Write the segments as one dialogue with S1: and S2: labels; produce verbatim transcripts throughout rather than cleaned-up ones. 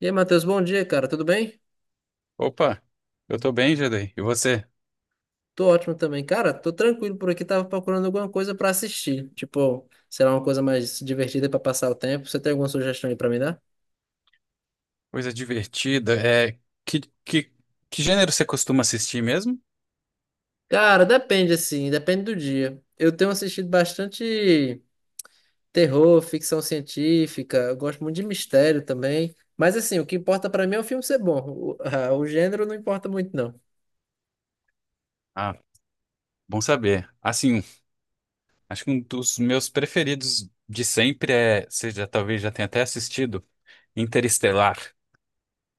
S1: E aí, Matheus, bom dia, cara. Tudo bem?
S2: Opa, eu tô bem, Jadei. E você?
S1: Tô ótimo também. Cara, tô tranquilo por aqui. Tava procurando alguma coisa pra assistir. Tipo, sei lá, uma coisa mais divertida pra passar o tempo. Você tem alguma sugestão aí pra me dar?
S2: Coisa divertida. É, que, que, que gênero você costuma assistir mesmo?
S1: Cara, depende assim, depende do dia. Eu tenho assistido bastante terror, ficção científica, eu gosto muito de mistério também. Mas assim, o que importa pra mim é o filme ser bom. O, ah, o gênero não importa muito, não.
S2: Ah, bom saber. Assim, acho que um dos meus preferidos de sempre é, você já talvez já tenha até assistido, Interestelar.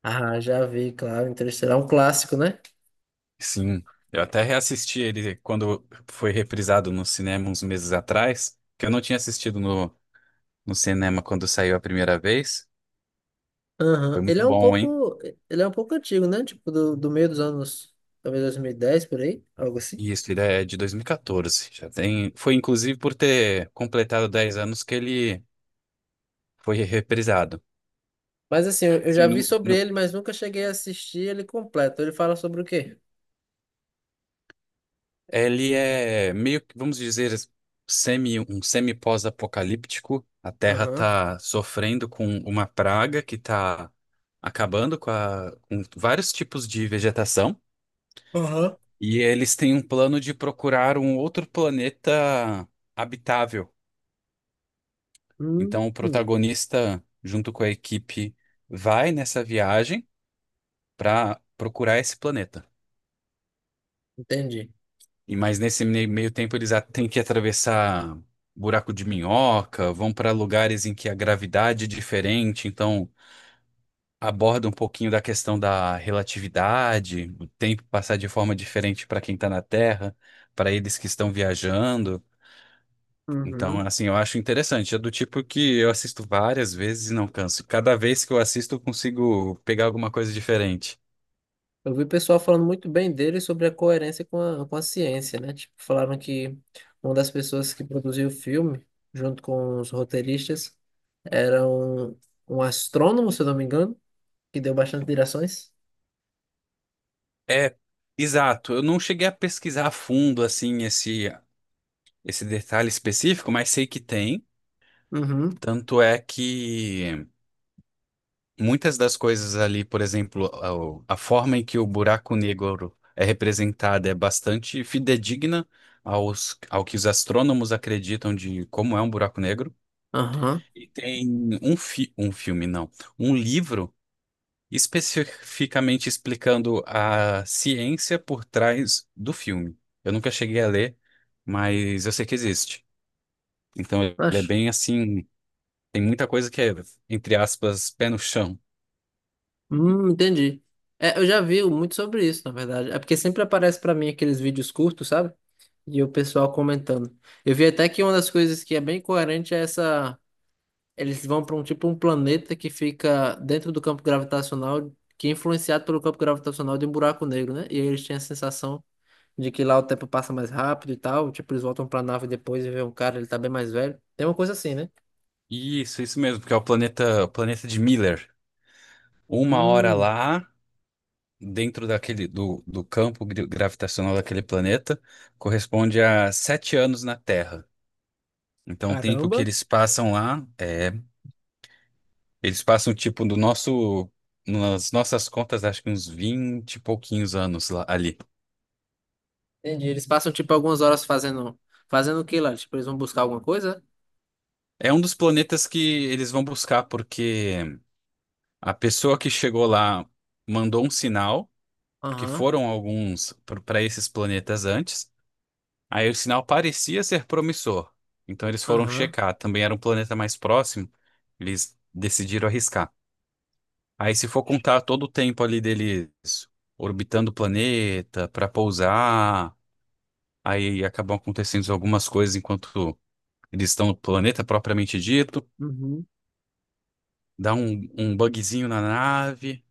S1: Ah, já vi, claro, Interestelar é um clássico, né?
S2: Sim, eu até reassisti ele quando foi reprisado no cinema uns meses atrás, que eu não tinha assistido no, no cinema quando saiu a primeira vez. Foi
S1: Aham. Ele
S2: muito
S1: é um
S2: bom, hein?
S1: pouco, ele é um pouco antigo, né? Tipo, do, do meio dos anos, talvez dois mil e dez por aí, algo assim.
S2: Isso, ele é de dois mil e quatorze. Já tem. Foi inclusive por ter completado dez anos que ele foi reprisado.
S1: Mas assim, eu eu
S2: Assim,
S1: já vi
S2: no-
S1: sobre
S2: no-
S1: ele, mas nunca cheguei a assistir ele completo. Ele fala sobre o quê?
S2: ele é meio que, vamos dizer, semi, um semi-pós-apocalíptico. A Terra
S1: Aham.
S2: está sofrendo com uma praga que está acabando com, a- com vários tipos de vegetação.
S1: Aham.
S2: E eles têm um plano de procurar um outro planeta habitável.
S1: Hum,
S2: Então, o
S1: hum,
S2: protagonista, junto com a equipe vai nessa viagem para procurar esse planeta.
S1: entendi.
S2: E mas nesse mei- meio tempo eles a- têm que atravessar buraco de minhoca, vão para lugares em que a gravidade é diferente, então aborda um pouquinho da questão da relatividade, o tempo passar de forma diferente para quem está na Terra, para eles que estão viajando. Então,
S1: Uhum.
S2: assim, eu acho interessante. É do tipo que eu assisto várias vezes e não canso. Cada vez que eu assisto, eu consigo pegar alguma coisa diferente.
S1: Eu vi o pessoal falando muito bem dele sobre a coerência com a, com a ciência, né? Tipo, falaram que uma das pessoas que produziu o filme, junto com os roteiristas, era um, um astrônomo, se eu não me engano, que deu bastante direções.
S2: É, exato. Eu não cheguei a pesquisar a fundo assim esse esse detalhe específico, mas sei que tem.
S1: Uhum.
S2: Tanto é que muitas das coisas ali, por exemplo, a, o- a forma em que o buraco negro é representado é bastante fidedigna aos, ao que os astrônomos acreditam de como é um buraco negro.
S1: Aham,
S2: E tem um, fi, um filme, não, um livro especificamente explicando a ciência por trás do filme. Eu nunca cheguei a ler, mas eu sei que existe. Então ele é
S1: acho.
S2: bem assim, tem muita coisa que é, entre aspas, pé no chão.
S1: Hum, entendi. É, eu já vi muito sobre isso, na verdade. É porque sempre aparece pra mim aqueles vídeos curtos, sabe? E o pessoal comentando. Eu vi até que uma das coisas que é bem coerente é essa. Eles vão pra um tipo um planeta que fica dentro do campo gravitacional, que é influenciado pelo campo gravitacional de um buraco negro, né? E aí eles têm a sensação de que lá o tempo passa mais rápido e tal. Tipo, eles voltam pra nave depois e vê um cara, ele tá bem mais velho. Tem uma coisa assim, né?
S2: Isso, isso mesmo, porque é o planeta, o planeta de Miller. Uma hora
S1: Hum,
S2: lá, dentro daquele do, do campo gri- gravitacional daquele planeta, corresponde a sete anos na Terra. Então, o tempo que
S1: caramba.
S2: eles passam lá é. Eles passam, tipo, do nosso, nas nossas contas, acho que uns vinte e pouquinhos anos lá, ali.
S1: Entendi. Eles passam tipo algumas horas fazendo fazendo o que lá? Tipo, eles vão buscar alguma coisa?
S2: É um dos planetas que eles vão buscar, porque a pessoa que chegou lá mandou um sinal, porque
S1: Aham,
S2: foram alguns para esses planetas antes. Aí o sinal parecia ser promissor. Então eles foram
S1: aham,
S2: checar. Também era um planeta mais próximo. Eles decidiram arriscar. Aí, se for contar todo o tempo ali deles orbitando o planeta para pousar aí acabam acontecendo algumas coisas enquanto eles estão no planeta propriamente dito,
S1: uhum.
S2: dá um, um bugzinho na nave,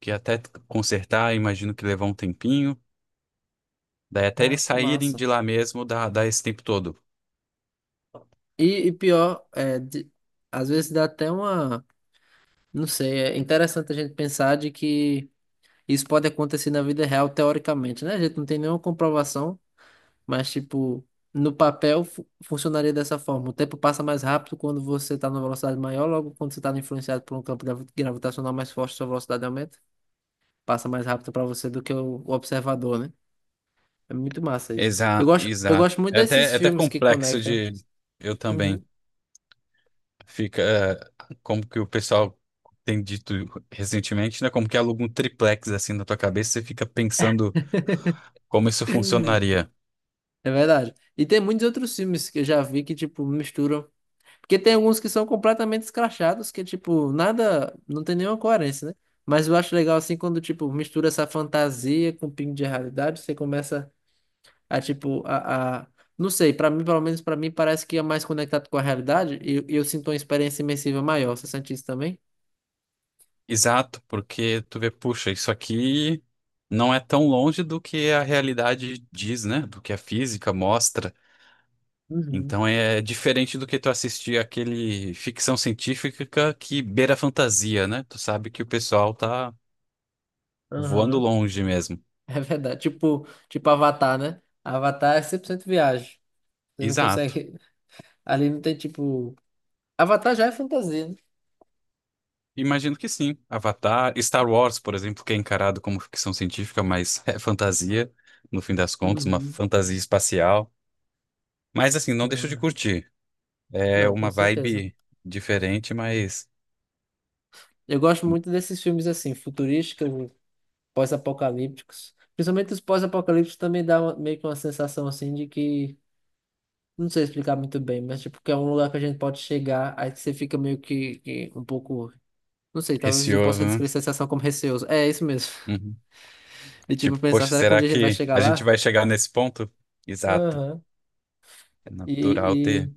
S2: que até consertar, imagino que levar um tempinho, daí até
S1: Ah,
S2: eles
S1: que
S2: saírem
S1: massa.
S2: de lá mesmo dá, dá, esse tempo todo.
S1: E, e pior, é, de- às vezes dá até uma, não sei, é interessante a gente pensar de que isso pode acontecer na vida real teoricamente, né? A gente não tem nenhuma comprovação, mas tipo, no papel fu- funcionaria dessa forma. O tempo passa mais rápido quando você está numa velocidade maior, logo quando você está influenciado por um campo gravi- gravitacional mais forte, sua velocidade aumenta. Passa mais rápido pra você do que o, o observador, né? É muito massa isso. Eu
S2: Exato,
S1: gosto, eu
S2: exato.
S1: gosto muito
S2: É até,
S1: desses
S2: é até
S1: filmes que
S2: complexo
S1: conectam.
S2: de. Eu
S1: Uhum.
S2: também. Fica, eh, como que o pessoal tem dito recentemente, né? Como que aluga um triplex assim na tua cabeça, você fica pensando como isso funcionaria.
S1: É verdade. E tem muitos outros filmes que eu já vi que, tipo, misturam. Porque tem alguns que são completamente escrachados, que, tipo, nada. Não tem nenhuma coerência, né? Mas eu acho legal, assim, quando, tipo, mistura essa fantasia com um pingo de realidade, você começa a, tipo, a, a- Não sei, pra mim, pelo menos pra mim, parece que é mais conectado com a realidade e e eu sinto uma experiência imersiva maior. Você sente isso também?
S2: Exato, porque tu vê, puxa, isso aqui não é tão longe do que a realidade diz, né? Do que a física mostra.
S1: Uhum.
S2: Então é diferente do que tu assistir aquele ficção científica que beira a fantasia, né? Tu sabe que o pessoal tá voando
S1: Aham.
S2: longe mesmo.
S1: É verdade. Tipo, tipo Avatar, né? Avatar é cem por cento viagem. Você não
S2: Exato.
S1: consegue. Ali não tem tipo. Avatar já é fantasia, né?
S2: Imagino que sim. Avatar, Star Wars, por exemplo, que é encarado como ficção científica, mas é fantasia, no fim das contas, uma
S1: Uhum.
S2: fantasia espacial. Mas assim, não
S1: Não,
S2: deixo de
S1: né?
S2: curtir. É
S1: Não, com
S2: uma
S1: certeza.
S2: vibe diferente, mas
S1: Eu gosto muito desses filmes assim, futurísticos, pós-apocalípticos. Principalmente os pós-apocalípticos também dá uma- meio que uma sensação assim de que. Não sei explicar muito bem, mas tipo, que é um lugar que a gente pode chegar, aí que você fica meio que, que um pouco. Não sei, talvez eu
S2: receoso,
S1: possa
S2: né?
S1: descrever essa sensação como receoso. É isso mesmo.
S2: Uhum.
S1: De tipo,
S2: Tipo,
S1: pensar,
S2: poxa,
S1: será que um
S2: será
S1: dia a gente vai
S2: que
S1: chegar
S2: a gente
S1: lá?
S2: vai chegar nesse ponto? Exato.
S1: Aham.
S2: É natural
S1: E,
S2: ter.
S1: e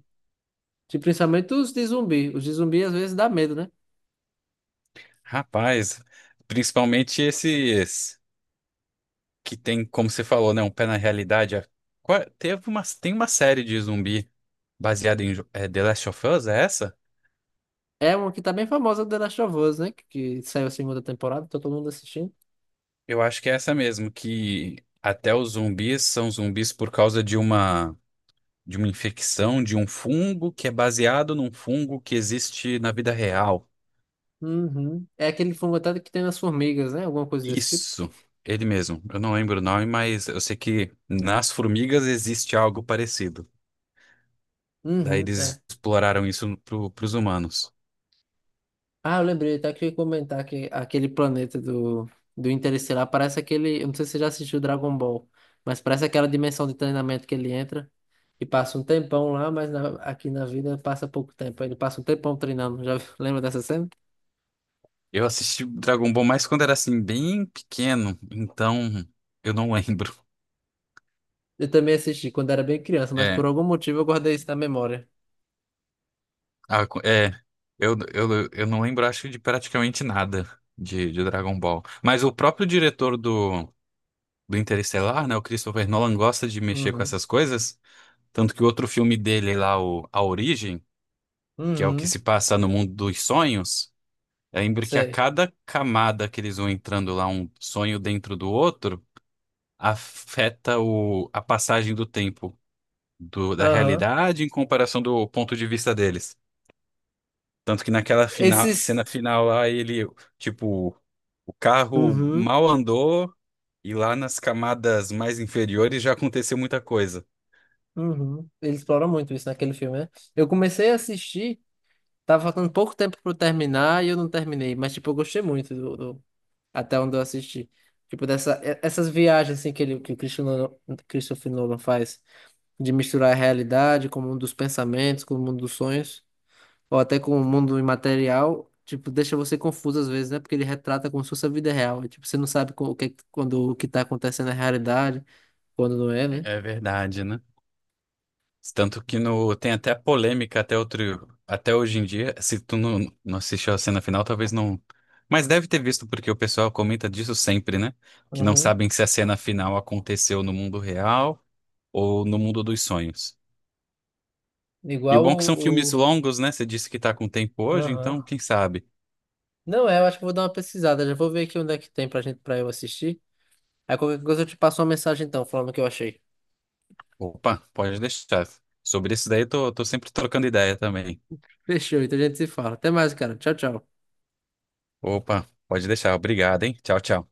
S1: de- principalmente os de zumbi. Os de zumbi às vezes dá medo, né?
S2: Rapaz, principalmente esses que tem, como você falou, né? Um pé na realidade. É, qua- Teve uma, tem uma série de zumbi baseada em jo- é, The Last of Us, é essa?
S1: É uma que tá bem famosa, The Last of Us, né? Que, que saiu a segunda temporada, tá todo mundo assistindo.
S2: Eu acho que é essa mesmo, que até os zumbis são zumbis por causa de uma. de uma infecção, de um fungo que é baseado num fungo que existe na vida real.
S1: Uhum. É aquele fungo até que tem nas formigas, né? Alguma coisa desse tipo.
S2: Isso, ele mesmo. Eu não lembro o nome, mas eu sei que nas formigas existe algo parecido. Daí
S1: Uhum,
S2: eles
S1: é.
S2: exploraram isso para os humanos.
S1: Ah, eu lembrei, até que eu ia comentar que aquele planeta do, do Interestelar parece aquele. Eu não sei se você já assistiu Dragon Ball, mas parece aquela dimensão de treinamento que ele entra e passa um tempão lá, mas na- aqui na vida passa pouco tempo. Ele passa um tempão treinando. Já lembra dessa cena?
S2: Eu assisti Dragon Ball mais quando era assim, bem pequeno, então eu não lembro.
S1: Eu também assisti quando era bem criança, mas por
S2: É,
S1: algum motivo eu guardei isso na memória.
S2: a- é eu, eu, eu não lembro, acho, de praticamente nada de, de Dragon Ball. Mas o próprio diretor do, do Interestelar, né? O Christopher Nolan gosta de mexer com
S1: Uhum.
S2: essas coisas. Tanto que o outro filme dele lá, o A Origem, que é o que
S1: Uhum.
S2: se passa no mundo dos sonhos, eu lembro que a
S1: Sei.
S2: cada camada que eles vão entrando lá, um sonho dentro do outro, afeta o, a passagem do tempo do, da
S1: Aham.
S2: realidade em comparação do ponto de vista deles. Tanto que naquela final, cena
S1: Esses.
S2: final lá, ele, tipo, o carro
S1: Uhum.
S2: mal andou e lá nas camadas mais inferiores já aconteceu muita coisa.
S1: Uhum. Ele explora muito isso naquele filme, né? Eu comecei a assistir, tava faltando pouco tempo pra eu terminar e eu não terminei, mas tipo, eu gostei muito do, do- até onde eu assisti. Tipo, dessa, e- essas viagens assim que, ele, que o Christopher Nolan Christopher Nolan faz, de misturar a realidade com o mundo dos pensamentos, com o mundo dos sonhos, ou até com o mundo imaterial, tipo, deixa você confuso às vezes, né? Porque ele retrata como se fosse a vida real. E, tipo, você não sabe co- o que, quando o que tá acontecendo é realidade, quando não é, né?
S2: É verdade, né? Tanto que no, tem até polêmica até outro, até hoje em dia. Se tu não, não assistiu a cena final, talvez não. Mas deve ter visto, porque o pessoal comenta disso sempre, né? Que não
S1: Uhum.
S2: sabem se a cena final aconteceu no mundo real ou no mundo dos sonhos. E o
S1: Igual
S2: bom é que
S1: o,
S2: são filmes
S1: o...
S2: longos, né? Você disse que tá com tempo hoje,
S1: Aham.
S2: então quem sabe?
S1: Não é, eu acho que eu vou dar uma pesquisada. Já vou ver aqui onde é que tem pra gente, pra eu assistir. Aí qualquer coisa eu te passo uma mensagem então, falando o que eu achei.
S2: Opa, pode deixar. Sobre isso daí, eu tô, tô sempre trocando ideia também.
S1: Fechou, então a gente se fala. Até mais, cara. Tchau, tchau.
S2: Opa, pode deixar. Obrigado, hein? Tchau, tchau.